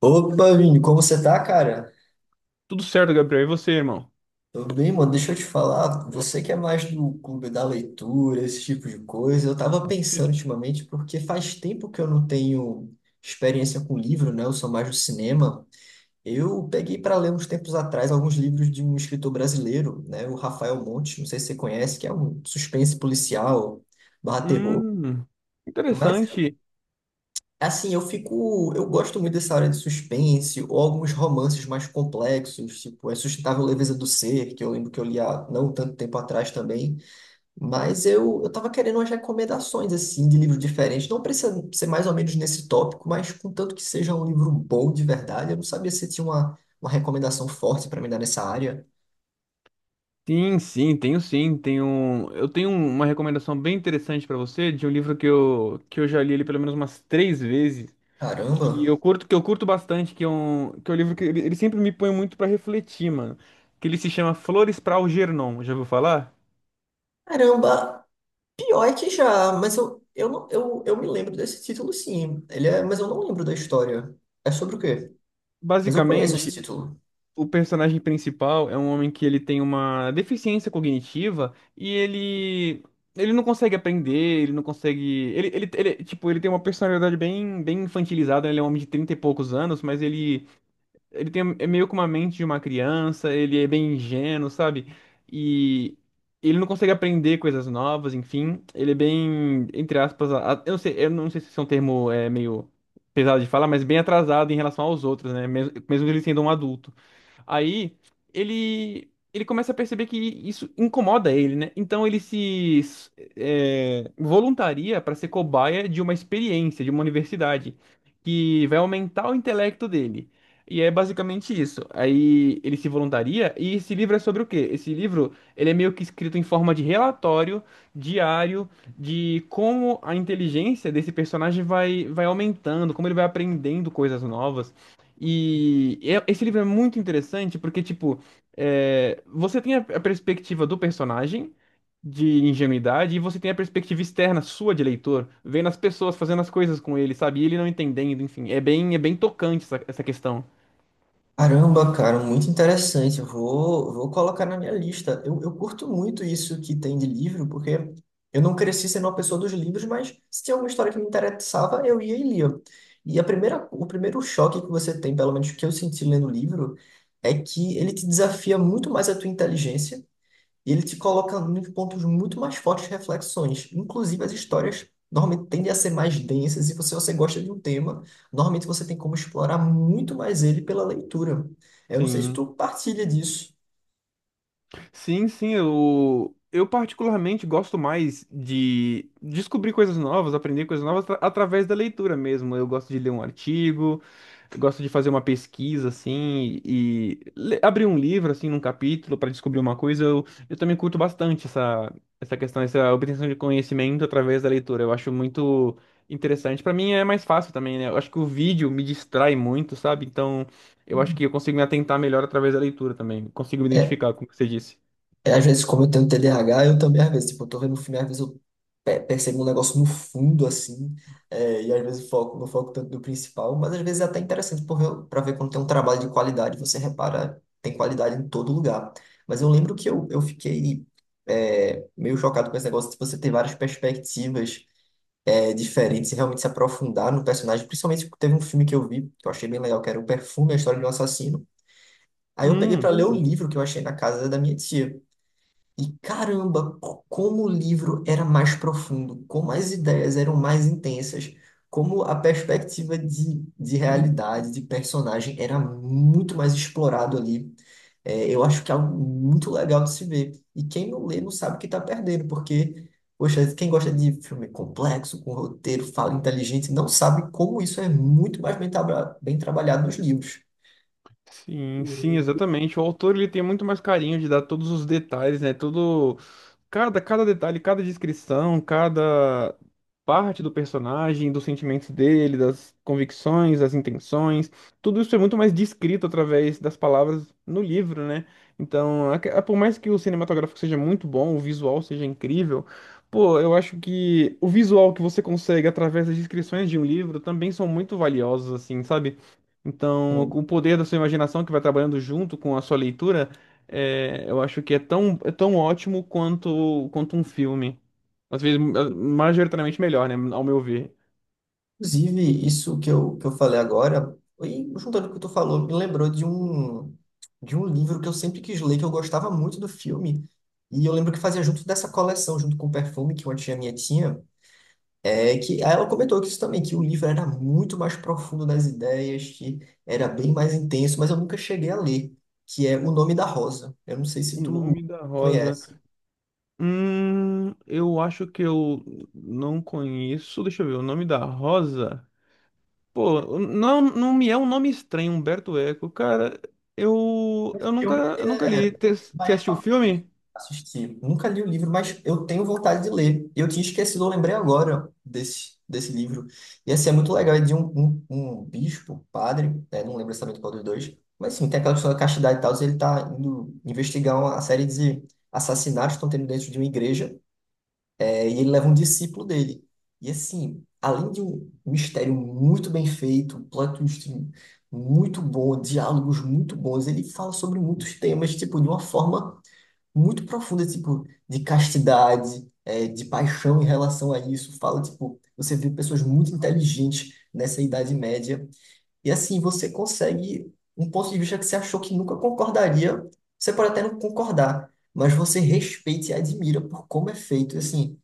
Opa, Vini, como você tá, cara? Tudo certo, Gabriel. E você, irmão? Tô bem, mano. Deixa eu te falar, você que é mais do clube da leitura, esse tipo de coisa, eu tava pensando ultimamente, porque faz tempo que eu não tenho experiência com livro, né? Eu sou mais do cinema. Eu peguei para ler uns tempos atrás alguns livros de um escritor brasileiro, né? O Rafael Montes, não sei se você conhece, que é um suspense policial barra terror. Hum, Mas interessante. assim, eu fico. Eu gosto muito dessa área de suspense, ou alguns romances mais complexos, tipo A Sustentável Leveza do Ser, que eu lembro que eu li há não tanto tempo atrás também. Mas eu tava querendo umas recomendações, assim, de livros diferentes. Não precisa ser mais ou menos nesse tópico, mas contanto que seja um livro bom de verdade. Eu não sabia se tinha uma recomendação forte para me dar nessa área. Sim, sim, tenho sim. Eu tenho uma recomendação bem interessante pra você de um livro que eu já li ele pelo menos umas três vezes, Caramba! Que eu curto bastante, que é um livro que ele sempre me põe muito pra refletir, mano. Que ele se chama Flores para Algernon. Já ouviu falar? Caramba! Pior é que já, mas eu, não, eu me lembro desse título, sim. Ele é, mas eu não lembro da história. É sobre o quê? Mas eu conheço esse Basicamente, título. o personagem principal é um homem que ele tem uma deficiência cognitiva e ele não consegue aprender, ele não consegue, ele- tipo, ele tem uma personalidade bem bem infantilizada, ele é um homem de 30 e poucos anos, mas ele tem é meio que uma mente de uma criança, ele é bem ingênuo, sabe? E ele não consegue aprender coisas novas, enfim, ele é bem, entre aspas, eu não sei se esse é um termo é meio pesado de falar, mas bem atrasado em relação aos outros, né? Mesmo ele sendo um adulto. Aí ele começa a perceber que isso incomoda ele, né? Então ele se voluntaria para ser cobaia de uma experiência, de uma universidade, que vai aumentar o intelecto dele. E é basicamente isso. Aí ele se voluntaria e esse livro é sobre o quê? Esse livro, ele é meio que escrito em forma de relatório diário de como a inteligência desse personagem vai aumentando, como ele vai aprendendo coisas novas. Esse livro é muito interessante porque, tipo, você tem a perspectiva do personagem de ingenuidade e você tem a perspectiva externa sua de leitor, vendo as pessoas fazendo as coisas com ele, sabe? E ele não entendendo, enfim. É bem tocante essa questão. Caramba, cara, muito interessante. Vou colocar na minha lista. Eu curto muito isso que tem de livro, porque eu não cresci sendo uma pessoa dos livros, mas se tinha alguma história que me interessava, eu ia e lia. E o primeiro choque que você tem, pelo menos que eu senti lendo o livro, é que ele te desafia muito mais a tua inteligência. E ele te coloca nos pontos muito mais fortes de reflexões. Inclusive, as histórias normalmente tendem a ser mais densas, e se você gosta de um tema, normalmente você tem como explorar muito mais ele pela leitura. Eu não sei se Sim. tu partilha disso. Sim, sim, eu particularmente gosto mais de descobrir coisas novas, aprender coisas novas através da leitura mesmo. Eu gosto de ler um artigo, eu gosto de fazer uma pesquisa assim e abrir um livro assim num capítulo para descobrir uma coisa. Eu também curto bastante essa questão, essa obtenção de conhecimento através da leitura. Eu acho muito interessante. Para mim é mais fácil também, né? Eu acho que o vídeo me distrai muito, sabe? Então, eu acho que eu consigo me atentar melhor através da leitura também. Consigo me identificar com o que você disse. Às vezes, como eu tenho TDAH, eu também, às vezes, tipo, eu tô vendo um filme, às vezes eu percebo um negócio no fundo, assim, e às vezes foco, não foco tanto no principal, mas às vezes é até interessante porque eu para ver quando tem um trabalho de qualidade, você repara, tem qualidade em todo lugar. Mas eu lembro que eu fiquei meio chocado com esse negócio de você ter várias perspectivas diferentes e realmente se aprofundar no personagem, principalmente porque teve um filme que eu vi, que eu achei bem legal, que era O Perfume, a História de um Assassino. Aí eu peguei para Hum, ler o livro que eu achei na casa da minha tia. E caramba, como o livro era mais profundo, como as ideias eram mais intensas, como a perspectiva de realidade, de personagem era muito mais explorado ali. É, eu acho que é algo muito legal de se ver. E quem não lê não sabe o que está perdendo, porque, poxa, quem gosta de filme complexo, com roteiro, fala inteligente, não sabe como isso é muito mais bem, bem trabalhado nos livros. sim, sim, exatamente. O autor ele tem muito mais carinho de dar todos os detalhes, né? Cada detalhe, cada descrição, cada parte do personagem, dos sentimentos dele, das convicções, das intenções, tudo isso é muito mais descrito através das palavras no livro, né? Então, por mais que o cinematográfico seja muito bom, o visual seja incrível, pô, eu acho que o visual que você consegue através das descrições de um livro também são muito valiosos, assim, sabe? Então, o poder da sua imaginação que vai trabalhando junto com a sua leitura. É, eu acho que é tão ótimo quanto um filme. Às vezes, majoritariamente melhor, né? Ao meu ver. Inclusive, isso que eu falei agora, e juntando o que tu falou, me lembrou de um livro que eu sempre quis ler, que eu gostava muito do filme. E eu lembro que fazia junto dessa coleção, junto com o perfume que uma tia minha tinha. É que aí ela comentou que isso também, que o livro era muito mais profundo nas ideias, que era bem mais intenso, mas eu nunca cheguei a ler, que é O Nome da Rosa. Eu não sei O se tu Nome da Rosa. conhece. Eu acho que eu não conheço. Deixa eu ver. O Nome da Rosa. Pô, não, não me é um nome estranho, Humberto Eco. Cara, eu, O eu nunca, filme eu ele nunca é li. Você mais assistiu o famoso filme? assistir. Nunca li o livro, mas eu tenho vontade de ler. Eu tinha esquecido, eu lembrei agora desse livro. E assim, é muito legal, é de um bispo, padre, né, não lembro exatamente qual dos dois. Mas sim, tem aquela questão da castidade e tal, e ele tá indo investigar uma série de assassinatos que estão tendo dentro de uma igreja. É, e ele leva um discípulo dele. E assim, além de um mistério muito bem feito, um plot twist muito bom, diálogos muito bons, ele fala sobre muitos temas, tipo, de uma forma muito profunda, tipo, de castidade, é, de paixão em relação a isso. Fala, tipo, você vê pessoas muito inteligentes nessa Idade Média e assim, você consegue um ponto de vista que você achou que nunca concordaria. Você pode até não concordar, mas você respeita e admira por como é feito. E assim,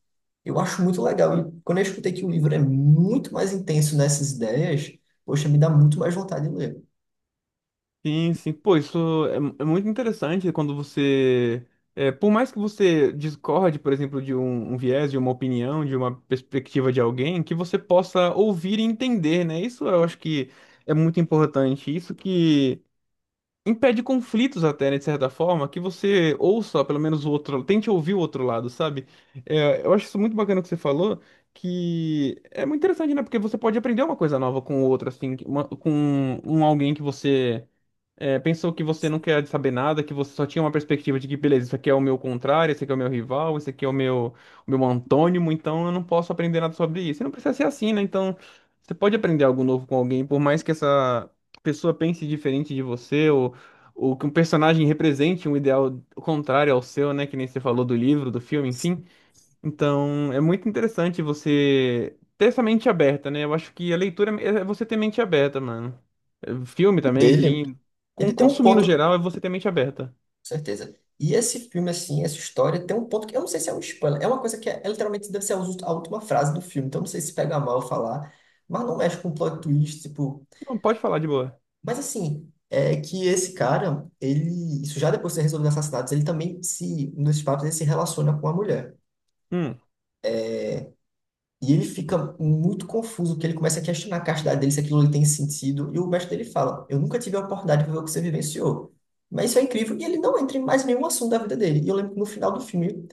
eu acho muito legal. E quando eu escutei que o livro é muito mais intenso nessas ideias, poxa, me dá muito mais vontade de ler. Sim, sim. Pô, isso é muito interessante quando você. Por mais que você discorde, por exemplo, de um viés, de uma opinião, de uma perspectiva de alguém, que você possa ouvir e entender, né? Isso eu acho que é muito importante. Isso que impede conflitos até, né, de certa forma, que você ouça pelo menos o outro, tente ouvir o outro lado, sabe? É, eu acho isso muito bacana que você falou, que é muito interessante, né? Porque você pode aprender uma coisa nova com o outro, assim, com um alguém que você pensou que você não quer saber nada, que você só tinha uma perspectiva de que, beleza, isso aqui é o meu contrário, esse aqui é o meu rival, esse aqui é o meu, antônimo, então eu não posso aprender nada sobre isso. E não precisa ser assim, né? Então, você pode aprender algo novo com alguém, por mais que essa pessoa pense diferente de você, ou que um personagem represente um ideal contrário ao seu, né? Que nem você falou do livro, do filme, enfim. Então, é muito interessante você ter essa mente aberta, né? Eu acho que a leitura é você ter mente aberta, mano. É, filme também, Dele, enfim. ele Com, tem um consumir no ponto, com geral é você ter mente aberta. certeza. E esse filme, assim, essa história tem um ponto que eu não sei se é um spoiler, é uma coisa que é literalmente deve ser a a última frase do filme, então eu não sei se pega mal falar, mas não mexe com plot twist, tipo. Não, pode falar de boa. Mas assim, é que esse cara, ele, isso já depois de ser resolvido assassinatos, ele também se, nos papos, ele se relaciona com a mulher. Hum, E ele fica muito confuso, porque ele começa a questionar a castidade dele, se aquilo ali tem sentido. E o mestre dele fala: Eu nunca tive a oportunidade de viver o que você vivenciou. Mas isso é incrível. E ele não entra em mais nenhum assunto da vida dele. E eu lembro que no final do filme,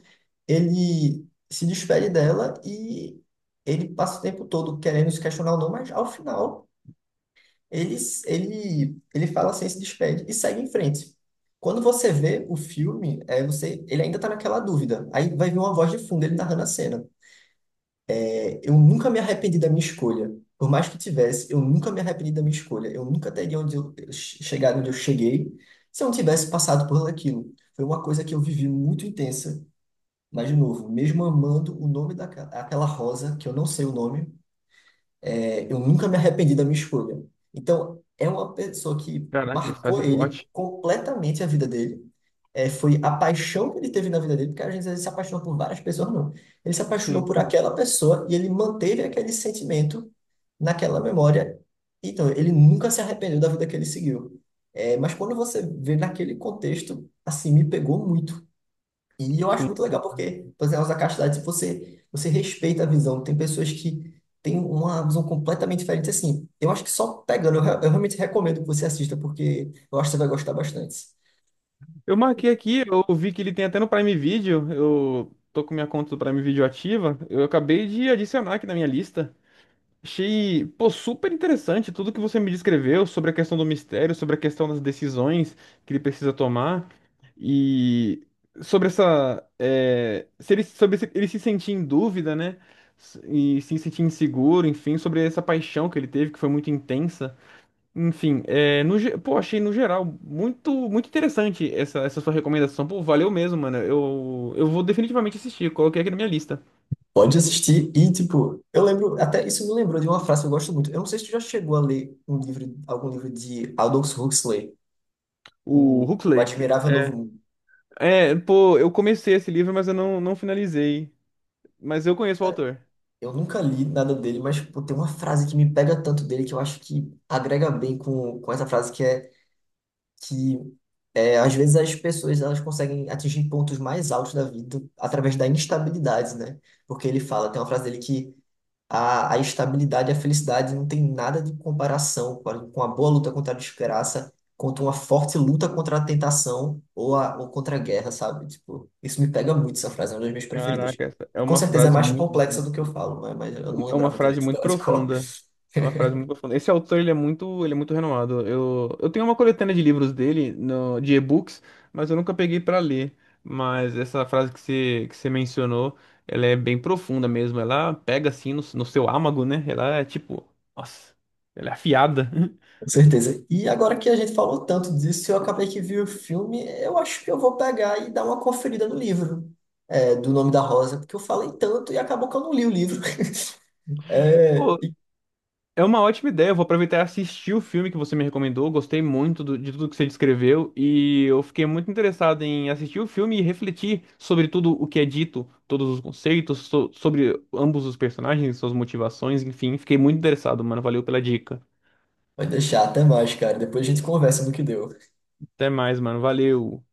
ele se despede dela e ele passa o tempo todo querendo se questionar ou não, mas ao final, ele, ele fala assim, se despede e segue em frente. Quando você vê o filme, é, você, ele ainda tá naquela dúvida. Aí vai vir uma voz de fundo, ele narrando a cena. Eu nunca me arrependi da minha escolha. Por mais que tivesse, eu nunca me arrependi da minha escolha. Eu nunca teria onde eu chegado onde eu cheguei se eu não tivesse passado por aquilo. Foi uma coisa que eu vivi muito intensa. Mas, de novo, mesmo amando o nome daquela rosa, que eu não sei o nome, é, eu nunca me arrependi da minha escolha. Então, é uma pessoa que caraca, frase marcou ele forte. completamente a vida dele. É, foi a paixão que ele teve na vida dele, porque às vezes ele se apaixonou por várias pessoas, não. Ele se apaixonou Sim, por aquela pessoa e ele manteve aquele sentimento naquela memória. Então, ele nunca se arrependeu da vida que ele seguiu. É, mas quando você vê naquele contexto, assim, me pegou muito. E eu acho sim. muito legal porque, por exemplo, a castidade, se você, você respeita a visão, tem pessoas que têm uma visão completamente diferente, assim, eu acho que só pegando, eu, eu realmente recomendo que você assista, porque eu acho que você vai gostar bastante. Eu marquei aqui, eu vi que ele tem até no Prime Video. Eu tô com minha conta do Prime Video ativa. Eu acabei de adicionar aqui na minha lista. Achei, pô, super interessante tudo que você me descreveu sobre a questão do mistério, sobre a questão das decisões que ele precisa tomar e sobre essa, é, se ele, sobre se- ele se sentir em dúvida, né? E se sentir inseguro, enfim, sobre essa paixão que ele teve, que foi muito intensa. Enfim, pô, achei no geral muito, muito interessante essa sua recomendação. Pô, valeu mesmo, mano. Eu vou definitivamente assistir, coloquei aqui na minha lista. Pode assistir e, tipo, eu lembro, até isso me lembrou de uma frase que eu gosto muito, eu não sei se tu já chegou a ler um livro, algum livro de Aldous Huxley, O o, o Huxley. Admirável Novo Eh, Mundo. pô, eu comecei esse livro, mas eu não, não finalizei. Mas eu conheço o Cara, autor. eu nunca li nada dele, mas pô, tem uma frase que me pega tanto dele que eu acho que agrega bem com essa frase que é, às vezes as pessoas elas conseguem atingir pontos mais altos da vida através da instabilidade, né? Porque ele fala, tem uma frase dele que a estabilidade e a felicidade não tem nada de comparação com com a boa luta contra a desgraça, contra uma forte luta contra a tentação ou, ou contra a guerra, sabe? Tipo, isso me pega muito, essa frase é uma das minhas preferidas. Caraca, essa é E com uma certeza é frase mais muito, complexa do que eu falo, né? Mas eu não é uma lembrava frase direito muito dela de cor. profunda. É uma frase muito profunda. Esse autor, ele é muito renomado. Eu tenho uma coletânea de livros dele, no, de e-books, mas eu nunca peguei pra ler. Mas essa frase que você mencionou, ela é bem profunda mesmo. Ela pega assim no seu âmago, né? Ela é tipo, nossa, ela é afiada. Com certeza. E agora que a gente falou tanto disso, eu acabei que vi o filme, eu acho que eu vou pegar e dar uma conferida no livro, é, do Nome da Rosa, porque eu falei tanto e acabou que eu não li o livro. É, É uma ótima ideia. Eu vou aproveitar e assistir o filme que você me recomendou. Gostei muito de tudo que você descreveu e eu fiquei muito interessado em assistir o filme e refletir sobre tudo o que é dito, todos os conceitos, sobre ambos os personagens, suas motivações, enfim. Fiquei muito interessado, mano. Valeu pela dica. vai deixar, até mais, cara. Depois a gente conversa no que deu. Até mais, mano. Valeu.